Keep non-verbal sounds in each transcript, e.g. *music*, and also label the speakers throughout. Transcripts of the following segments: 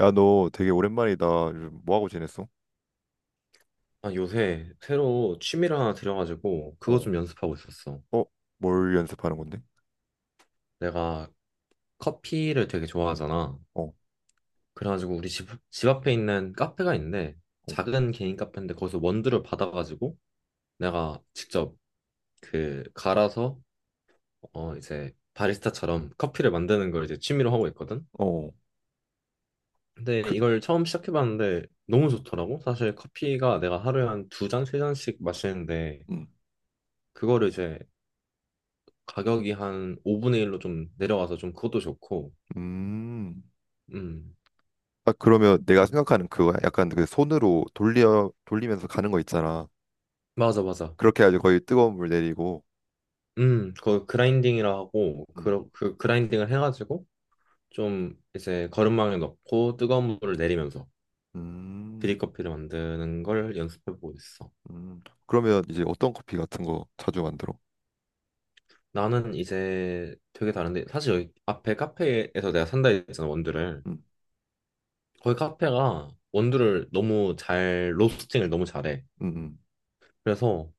Speaker 1: 야, 너 되게 오랜만이다. 요즘 뭐 하고 지냈어?
Speaker 2: 아, 요새 새로 취미를 하나 들여가지고 그거
Speaker 1: 어.
Speaker 2: 좀 연습하고 있었어.
Speaker 1: 어. 뭘 연습하는 건데?
Speaker 2: 내가 커피를 되게 좋아하잖아.
Speaker 1: 어.
Speaker 2: 그래가지고 우리 집 앞에 있는 카페가 있는데,
Speaker 1: 어.
Speaker 2: 작은 개인 카페인데 거기서 원두를 받아가지고 내가 직접 그 갈아서 이제 바리스타처럼 커피를 만드는 걸 이제 취미로 하고 있거든.
Speaker 1: 어.
Speaker 2: 근데
Speaker 1: 그.
Speaker 2: 이걸 처음 시작해봤는데 너무 좋더라고. 사실 커피가 내가 하루에 한 두 잔, 세 잔씩 마시는데,
Speaker 1: 음.
Speaker 2: 그거를 이제 가격이 한 5분의 1로 좀 내려가서 좀 그것도 좋고.
Speaker 1: 음.
Speaker 2: 음,
Speaker 1: 아, 그러면 내가 생각하는 그거야? 약간 그 손으로 돌리면서 가는 거 있잖아.
Speaker 2: 맞아, 맞아.
Speaker 1: 그렇게 해야지 거의 뜨거운 물 내리고.
Speaker 2: 그 그라인딩이라 하고,
Speaker 1: 음.
Speaker 2: 그 그라인딩을 해가지고, 좀 이제 거름망에 넣고 뜨거운 물을 내리면서
Speaker 1: 음.
Speaker 2: 드립커피를 만드는 걸 연습해보고 있어.
Speaker 1: 음. 그러면 이제 어떤 커피 같은 거 자주 만들어?
Speaker 2: 나는 이제 되게 다른데, 사실 여기 앞에 카페에서 내가 산다 했잖아, 원두를.
Speaker 1: 음.
Speaker 2: 거기 카페가 원두를 로스팅을 너무 잘해.
Speaker 1: 음.
Speaker 2: 그래서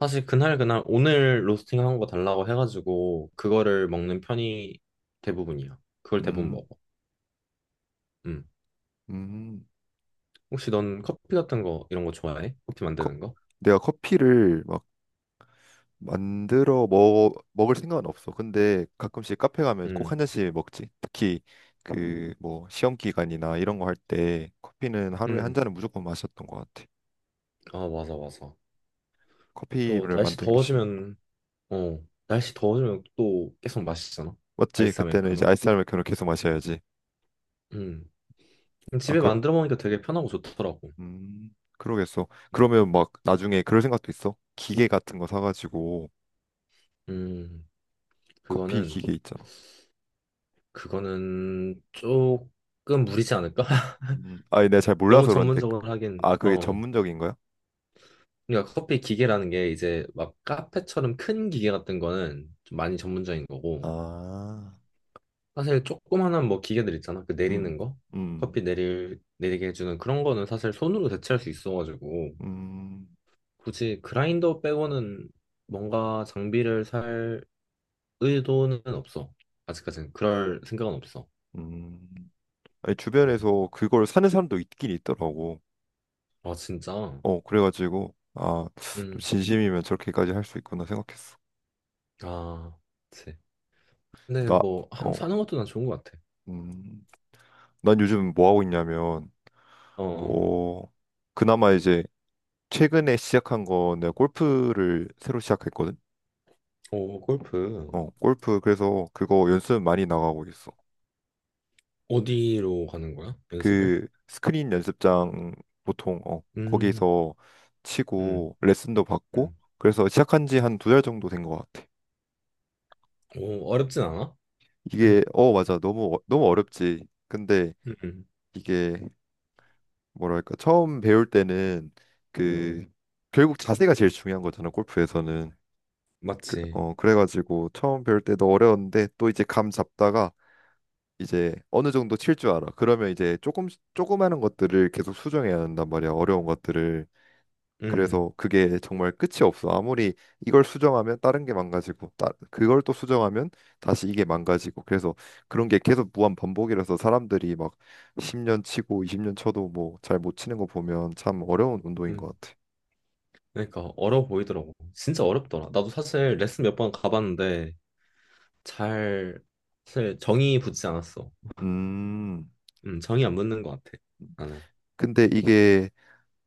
Speaker 2: 사실 그날 그날 오늘 로스팅 한 거 달라고 해가지고, 그거를 먹는 편이 대부분이야. 그걸 대부분
Speaker 1: 음.
Speaker 2: 먹어. 음.
Speaker 1: 음. 음.
Speaker 2: 혹시 넌 커피 같은 거 이런 거 좋아해? 커피
Speaker 1: 커-.
Speaker 2: 만드는 거?
Speaker 1: 내가 커피를 막 만들어 먹 먹을 생각은 없어. 근데 가끔씩 카페 가면 꼭
Speaker 2: 응,
Speaker 1: 한 잔씩 먹지. 특히 그 뭐 시험 기간이나 이런 거 할 때 커피는 하루에 한
Speaker 2: 응.
Speaker 1: 잔은 무조건 마셨던 것 같아.
Speaker 2: 아, 맞아, 맞아. 또
Speaker 1: 커피를
Speaker 2: 날씨
Speaker 1: 만드는 게 취미구나.
Speaker 2: 더워지면, 어, 날씨 더워지면 또 계속 마시잖아.
Speaker 1: 맞지?
Speaker 2: 아이스
Speaker 1: 그때는 이제
Speaker 2: 아메리카노.
Speaker 1: 아이스 아메리카노 계속 마셔야지.
Speaker 2: 응.
Speaker 1: 아,
Speaker 2: 집에
Speaker 1: 그럼
Speaker 2: 만들어 먹으니까 되게 편하고 좋더라고.
Speaker 1: 그러겠어.
Speaker 2: 음,
Speaker 1: 그러면 막 나중에 그럴 생각도 있어. 기계 같은 거 사가지고
Speaker 2: 음,
Speaker 1: 커피
Speaker 2: 그거는,
Speaker 1: 기계 있잖아.
Speaker 2: 그거는 조금 무리지 않을까? *laughs*
Speaker 1: 아니 내가 잘
Speaker 2: 너무
Speaker 1: 몰라서 그런데 그.
Speaker 2: 전문적으로 하긴,
Speaker 1: 아 그게
Speaker 2: 어.
Speaker 1: 전문적인 거야?
Speaker 2: 그러니까 커피 기계라는 게 이제 막 카페처럼 큰 기계 같은 거는 좀 많이 전문적인 거고,
Speaker 1: 아.
Speaker 2: 사실 조그만한 뭐 기계들 있잖아. 그 내리는
Speaker 1: 음.
Speaker 2: 거.
Speaker 1: 음.
Speaker 2: 내리게 해주는 그런 거는 사실 손으로 대체할 수 있어가지고
Speaker 1: 음.
Speaker 2: 굳이 그라인더 빼고는 뭔가 장비를 살 의도는 없어. 아직까지는 그럴 생각은 없어.
Speaker 1: 음, 아니,
Speaker 2: 음.
Speaker 1: 주변에서 그걸 사는 사람도 있긴 있더라고.
Speaker 2: 아, 진짜?
Speaker 1: 어, 그래가지고, 아, 좀
Speaker 2: 음.
Speaker 1: 진심이면 저렇게까지 할 수 있구나 생각했어.
Speaker 2: 아, 그치. 근데
Speaker 1: 나.
Speaker 2: 뭐, 한,
Speaker 1: 어.
Speaker 2: 사는 것도 난 좋은 것 같아.
Speaker 1: 음. 난 요즘 뭐 하고 있냐면,
Speaker 2: 어, 어.
Speaker 1: 어, 그나마 이제 최근에 시작한 거 내가 골프를 새로 시작했거든.
Speaker 2: 오, 골프.
Speaker 1: 어, 골프, 그래서 그거 연습 많이 나가고 있어.
Speaker 2: 어디로 가는 거야? 연습을?
Speaker 1: 그 스크린 연습장 보통, 어,
Speaker 2: 음,
Speaker 1: 거기서
Speaker 2: 음,
Speaker 1: 치고 레슨도 받고,
Speaker 2: 음.
Speaker 1: 그래서 시작한 지 한 2달 정도 된 것 같아.
Speaker 2: 오, 어렵진 않아?
Speaker 1: 이게
Speaker 2: *clears throat*
Speaker 1: 어 맞아 너무 어- 너무 어렵지. 근데
Speaker 2: 음, 음.
Speaker 1: 이게 뭐랄까 처음 배울 때는 그 결국 자세가 제일 중요한 거잖아 골프에서는. 그,
Speaker 2: 맞지.
Speaker 1: 어 그래가지고 처음 배울 때도 어려웠는데 또 이제 감 잡다가 이제 어느 정도 칠 줄 알아. 그러면 이제 조금 하는 것들을 계속 수정해야 한단 말이야. 어려운 것들을.
Speaker 2: 음.
Speaker 1: 그래서 그게 정말 끝이 없어. 아무리 이걸 수정하면 다른 게 망가지고, 그걸 또 수정하면 다시 이게 망가지고. 그래서 그런 게 계속 무한 반복이라서 사람들이 막 10년 치고 20년 쳐도 뭐 잘 못 치는 거 보면 참 어려운 운동인 것
Speaker 2: 음,
Speaker 1: 같아.
Speaker 2: 그러니까 어려워 보이더라고. 진짜 어렵더라. 나도 사실 레슨 몇 번 가봤는데 잘 사실 정이 붙지 않았어.
Speaker 1: 음,
Speaker 2: 정이 안 붙는 것 같아. 나는.
Speaker 1: 근데 이게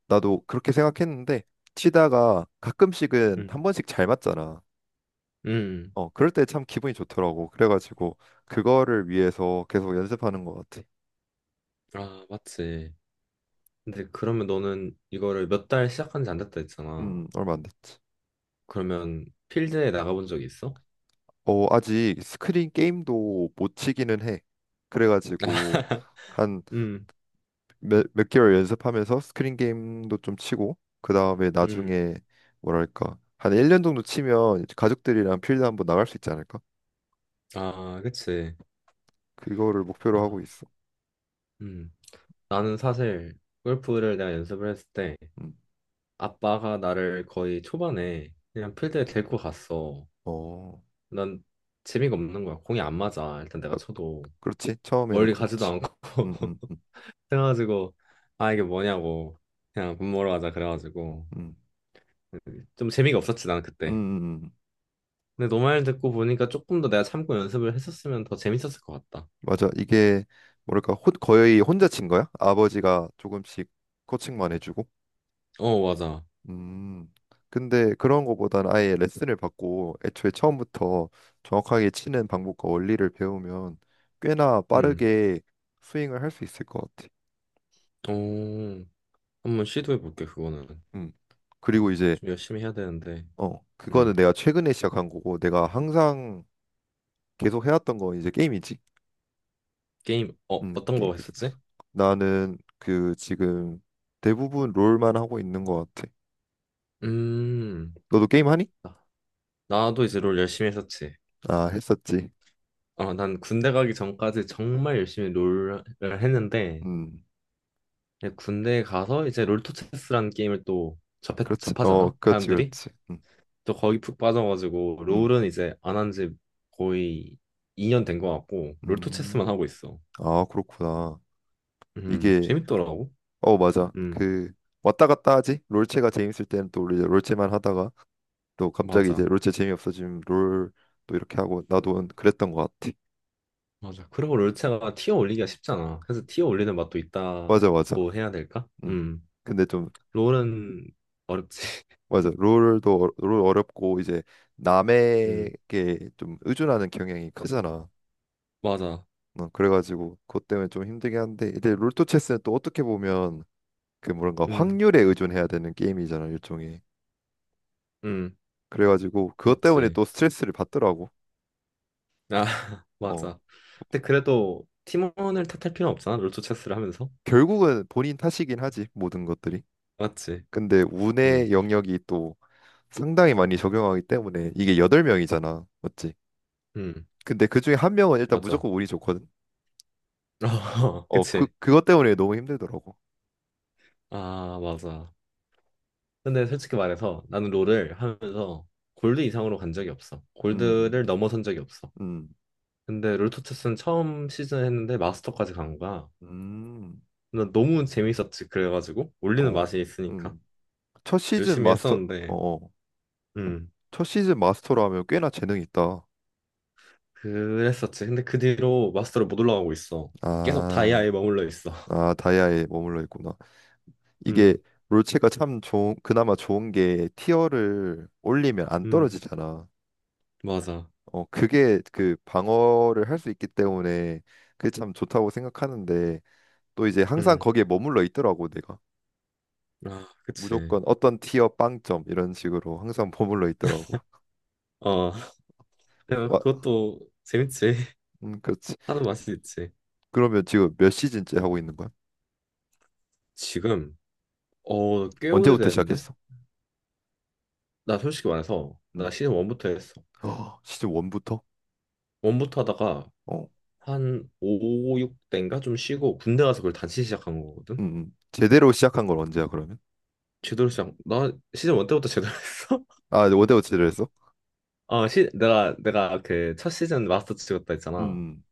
Speaker 1: 나도 그렇게 생각했는데 치다가 가끔씩은
Speaker 2: 음,
Speaker 1: 한 번씩 잘 맞잖아.
Speaker 2: 음,
Speaker 1: 어, 그럴 때 참 기분이 좋더라고. 그래가지고 그거를 위해서 계속 연습하는 것 같아.
Speaker 2: 아, 맞지. 근데 그러면 너는 이거를 몇 달 시작한 지 안 됐다 했잖아.
Speaker 1: 얼마 안 됐지.
Speaker 2: 그러면 필드에 나가본 적이 있어?
Speaker 1: 어, 아직 스크린 게임도 못 치기는 해. 그래가지고
Speaker 2: *laughs*
Speaker 1: 한
Speaker 2: 음,
Speaker 1: 몇 개월 연습하면서 스크린 게임도 좀 치고 그 다음에
Speaker 2: 음,
Speaker 1: 나중에 뭐랄까 한 1년 정도 치면 이제 가족들이랑 필드 한번 나갈 수 있지 않을까?
Speaker 2: 아, 그치.
Speaker 1: 그거를 목표로 하고
Speaker 2: 아,
Speaker 1: 있어.
Speaker 2: 음, 나는 사실 골프를 내가 연습을 했을 때
Speaker 1: 음.
Speaker 2: 아빠가 나를 거의 초반에 그냥 필드에 데리고 갔어.
Speaker 1: 어,
Speaker 2: 난 재미가 없는 거야. 공이 안 맞아. 일단 내가
Speaker 1: 아,
Speaker 2: 쳐도
Speaker 1: 그렇지. 처음에는
Speaker 2: 멀리 가지도
Speaker 1: 그렇지.
Speaker 2: 않고.
Speaker 1: 음. 음.
Speaker 2: *laughs*
Speaker 1: 음.
Speaker 2: 그래가지고 아 이게 뭐냐고 그냥 밥 먹으러 가자 그래가지고
Speaker 1: 음.
Speaker 2: 좀 재미가 없었지 나는
Speaker 1: 음.
Speaker 2: 그때.
Speaker 1: 음. 음.
Speaker 2: 근데 너 말 듣고 보니까 조금 더 내가 참고 연습을 했었으면 더 재밌었을 것 같다.
Speaker 1: 맞아. 이게 뭐랄까 거의 혼자 친 거야? 아버지가 조금씩 코칭만 해주고.
Speaker 2: 어 맞아.
Speaker 1: 음, 근데 그런 거보다는 아예 레슨을 받고 애초에 처음부터 정확하게 치는 방법과 원리를 배우면 꽤나
Speaker 2: 음.
Speaker 1: 빠르게 스윙을 할 수 있을 것 같아.
Speaker 2: 어 한번 시도해 볼게 그거는.
Speaker 1: 음. 그리고
Speaker 2: 아,
Speaker 1: 이제
Speaker 2: 좀 열심히 해야 되는데.
Speaker 1: 어, 그거는
Speaker 2: 음.
Speaker 1: 내가 최근에 시작한 거고 내가 항상 계속 해왔던 건 이제 게임이지.
Speaker 2: 게임 어떤
Speaker 1: 게임
Speaker 2: 거 했었지?
Speaker 1: 계속했어. 나는 그 지금 대부분 롤만 하고 있는 것 같아.
Speaker 2: 음.
Speaker 1: 너도 게임 하니?
Speaker 2: 아, 나도 이제 롤 열심히 했었지.
Speaker 1: 아, 했었지.
Speaker 2: 어, 난 군대 가기 전까지 정말 열심히 롤을 했는데,
Speaker 1: 음,
Speaker 2: 이제 군대에 가서 이제 롤토체스라는 게임을 또
Speaker 1: 그렇지. 어,
Speaker 2: 접하잖아,
Speaker 1: 그렇지,
Speaker 2: 사람들이.
Speaker 1: 그렇지. 음.
Speaker 2: 또 거기 푹 빠져가지고,
Speaker 1: 음.
Speaker 2: 롤은 이제 안 한지 거의 2년 된 것 같고, 롤토체스만 하고
Speaker 1: 음.
Speaker 2: 있어.
Speaker 1: 아, 그렇구나. 이게
Speaker 2: 재밌더라고.
Speaker 1: 어 맞아.
Speaker 2: 음,
Speaker 1: 그 왔다 갔다 하지. 롤체가 재밌을 때는 또 우리 이제 롤체만 하다가 또 갑자기 이제
Speaker 2: 맞아.
Speaker 1: 롤체 재미없어지면 롤 또 이렇게 하고 나도 그랬던 것 같아.
Speaker 2: 맞아. 그리고 롤체가 티어 올리기가 쉽잖아. 그래서 티어 올리는 맛도
Speaker 1: 맞아, 맞아.
Speaker 2: 있다고 해야 될까?
Speaker 1: 음. 근데 좀
Speaker 2: 롤은 어렵지. *laughs*
Speaker 1: 맞아. 롤도 어- 롤 어렵고 이제
Speaker 2: 음,
Speaker 1: 남에게 좀 의존하는 경향이 크잖아.
Speaker 2: 맞아.
Speaker 1: 어, 그래가지고 그것 때문에 좀 힘들긴 한데 근데 롤토 체스는 또 어떻게 보면 그 뭔가
Speaker 2: 음.
Speaker 1: 확률에 의존해야 되는 게임이잖아 일종의.
Speaker 2: 음.
Speaker 1: 그래가지고 그것 때문에
Speaker 2: 맞지.
Speaker 1: 또 스트레스를 받더라고.
Speaker 2: 아, *laughs*
Speaker 1: 어.
Speaker 2: 맞아. 근데 그래도 팀원을 탓할 필요는 없잖아. 롤토 체스를 하면서.
Speaker 1: 결국은 본인 탓이긴 하지 모든 것들이.
Speaker 2: 맞지.
Speaker 1: 근데
Speaker 2: 음,
Speaker 1: 운의 영역이 또 상당히 많이 적용하기 때문에 이게 여덟 명이잖아. 맞지?
Speaker 2: 음,
Speaker 1: 근데 그중에 한 명은 일단
Speaker 2: 맞아.
Speaker 1: 무조건 운이 좋거든.
Speaker 2: *laughs*
Speaker 1: 어, 그
Speaker 2: 그치.
Speaker 1: 그것 때문에 너무 힘들더라고.
Speaker 2: 아, 맞아. 근데 솔직히 말해서 나는 롤을 하면서 골드 이상으로 간 적이 없어.
Speaker 1: 음.
Speaker 2: 골드를 넘어선 적이 없어.
Speaker 1: 음.
Speaker 2: 근데 롤토 체스는 처음 시즌 했는데 마스터까지 간 거야.
Speaker 1: 음.
Speaker 2: 근데 너무 재밌었지. 그래가지고 올리는
Speaker 1: 어.
Speaker 2: 맛이 있으니까
Speaker 1: 음. 첫 시즌
Speaker 2: 열심히
Speaker 1: 마스터.
Speaker 2: 했었는데.
Speaker 1: 어. 어.
Speaker 2: 음,
Speaker 1: 첫 시즌 마스터로 하면 꽤나 재능이 있다.
Speaker 2: 그랬었지. 근데 그 뒤로 마스터를 못 올라가고 있어. 계속
Speaker 1: 아.
Speaker 2: 다이아에 머물러 있어. *laughs*
Speaker 1: 아, 다이아에 머물러 있구나. 이게
Speaker 2: 음,
Speaker 1: 롤체가 참 좋은 그나마 좋은 게 티어를 올리면 안
Speaker 2: 음,
Speaker 1: 떨어지잖아.
Speaker 2: 맞아.
Speaker 1: 어, 그게 그 방어를 할 수 있기 때문에 그게 참 좋다고 생각하는데 또 이제 항상
Speaker 2: 음,
Speaker 1: 거기에 머물러 있더라고 내가.
Speaker 2: 아, 그치.
Speaker 1: 무조건 어떤 티어 빵점 이런 식으로 항상 *laughs* 머물러 있더라고.
Speaker 2: 어, *laughs* 내가
Speaker 1: 막
Speaker 2: 그것도 재밌지.
Speaker 1: 그렇지.
Speaker 2: *laughs* 하는 맛이 있지.
Speaker 1: 그러면 지금 몇 시즌째 하고 있는 거야?
Speaker 2: 지금, 꽤
Speaker 1: 언제부터
Speaker 2: 오래됐는데?
Speaker 1: 시작했어?
Speaker 2: 나 솔직히 말해서, 나
Speaker 1: 음.
Speaker 2: 시즌 1부터 했어.
Speaker 1: 어, 시즌 1부터?
Speaker 2: 1부터 하다가,
Speaker 1: 어.
Speaker 2: 한 5, 6대인가 좀 쉬고, 군대 가서 그걸 다시 시작한 거거든?
Speaker 1: 음. 음. 제대로 시작한 건 언제야 그러면?
Speaker 2: 나 시즌 1 때부터 제대로 *laughs* 했어?
Speaker 1: 아, 원데워치를 했어?
Speaker 2: 아, 내가 그 첫 시즌 마스터 찍었다 했잖아.
Speaker 1: 음.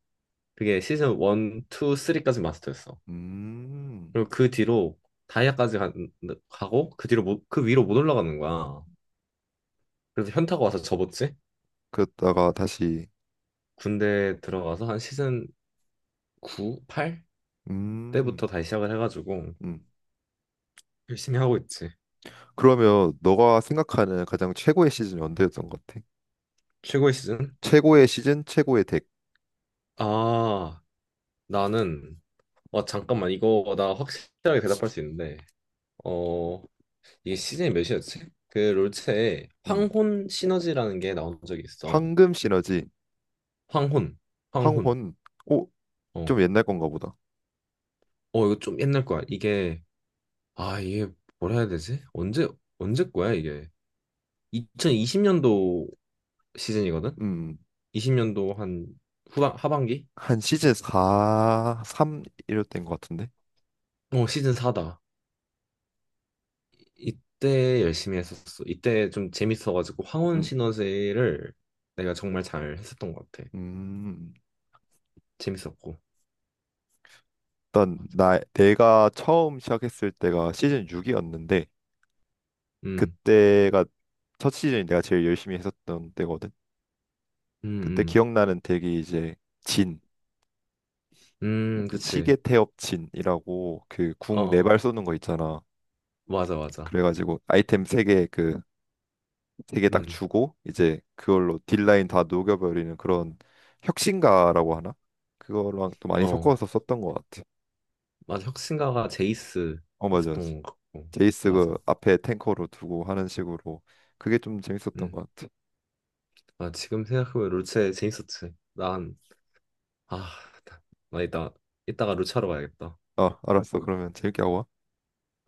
Speaker 2: 그게 시즌 1, 2, 3까지 마스터였어.
Speaker 1: 음.
Speaker 2: 그리고 그 뒤로 다이아까지 가, 고그 뒤로 못, 그 위로 못 올라가는 거야. 그래서 현타가 와서 접었지.
Speaker 1: 그랬다가 다시
Speaker 2: 군대 들어가서 한 시즌 9, 8
Speaker 1: 음.
Speaker 2: 때부터 다시 시작을 해가지고
Speaker 1: 음.
Speaker 2: 열심히 하고 있지.
Speaker 1: 그러면 너가 생각하는 가장 최고의 시즌이 언제였던 것 같아?
Speaker 2: 최고의 시즌?
Speaker 1: 최고의 시즌, 최고의 덱.
Speaker 2: 아, 나는 잠깐만 이거 나 확실하게 대답할 수 있는데, 어 이게 시즌이 몇이었지? 그 롤체에
Speaker 1: 음.
Speaker 2: 황혼 시너지라는 게 나온 적이 있어.
Speaker 1: 황금 시너지,
Speaker 2: 황혼, 황혼.
Speaker 1: 황혼. 오,
Speaker 2: 어
Speaker 1: 좀 옛날 건가 보다.
Speaker 2: 이거 좀 옛날 거야. 이게 뭐라 해야 되지? 언제 거야, 이게? 2020년도 시즌이거든?
Speaker 1: 음. 음.
Speaker 2: 20년도 한 하반기?
Speaker 1: 한 시즌 4, 3 이럴 때인 것 같은데.
Speaker 2: 어, 시즌 4다. 이때 열심히 했었어. 이때 좀 재밌어가지고, 황혼
Speaker 1: 음.
Speaker 2: 시너지를 내가 정말 잘 했었던 것 같아.
Speaker 1: 음.
Speaker 2: 재밌었고.
Speaker 1: 일단
Speaker 2: 맞아.
Speaker 1: 나 내가 처음 시작했을 때가 시즌 6이었는데
Speaker 2: 음,
Speaker 1: 그때가 첫 시즌이 내가 제일 열심히 했었던 때거든.
Speaker 2: 음,
Speaker 1: 그때
Speaker 2: 음.
Speaker 1: 기억나는 덱이 이제 진,
Speaker 2: 그치.
Speaker 1: 시계 태엽 진이라고 그 궁 네
Speaker 2: 어,
Speaker 1: 발 쏘는 거 있잖아.
Speaker 2: 맞아, 맞아.
Speaker 1: 그래가지고 아이템 3개 그 3개 딱
Speaker 2: 음,
Speaker 1: 주고 이제 그걸로 딜라인 다 녹여버리는 그런 혁신가라고 하나? 그거랑 또 많이
Speaker 2: 어.
Speaker 1: 섞어서 썼던 것 같아.
Speaker 2: 맞아. 혁신가가 제이스
Speaker 1: 어 맞아, 맞아.
Speaker 2: 있었던 것 같고.
Speaker 1: 제이스 그
Speaker 2: 맞아.
Speaker 1: 앞에 탱커로 두고 하는 식으로 그게 좀 재밌었던
Speaker 2: 음.
Speaker 1: 것 같아.
Speaker 2: 아, 지금 생각해보면 롤체 재밌었지. 난, 아, 나 이따가 롤체하러 가야겠다.
Speaker 1: 어 알았어. 그러면 재밌게 하고 와.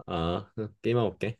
Speaker 2: 아, *laughs* 게임하고 올게.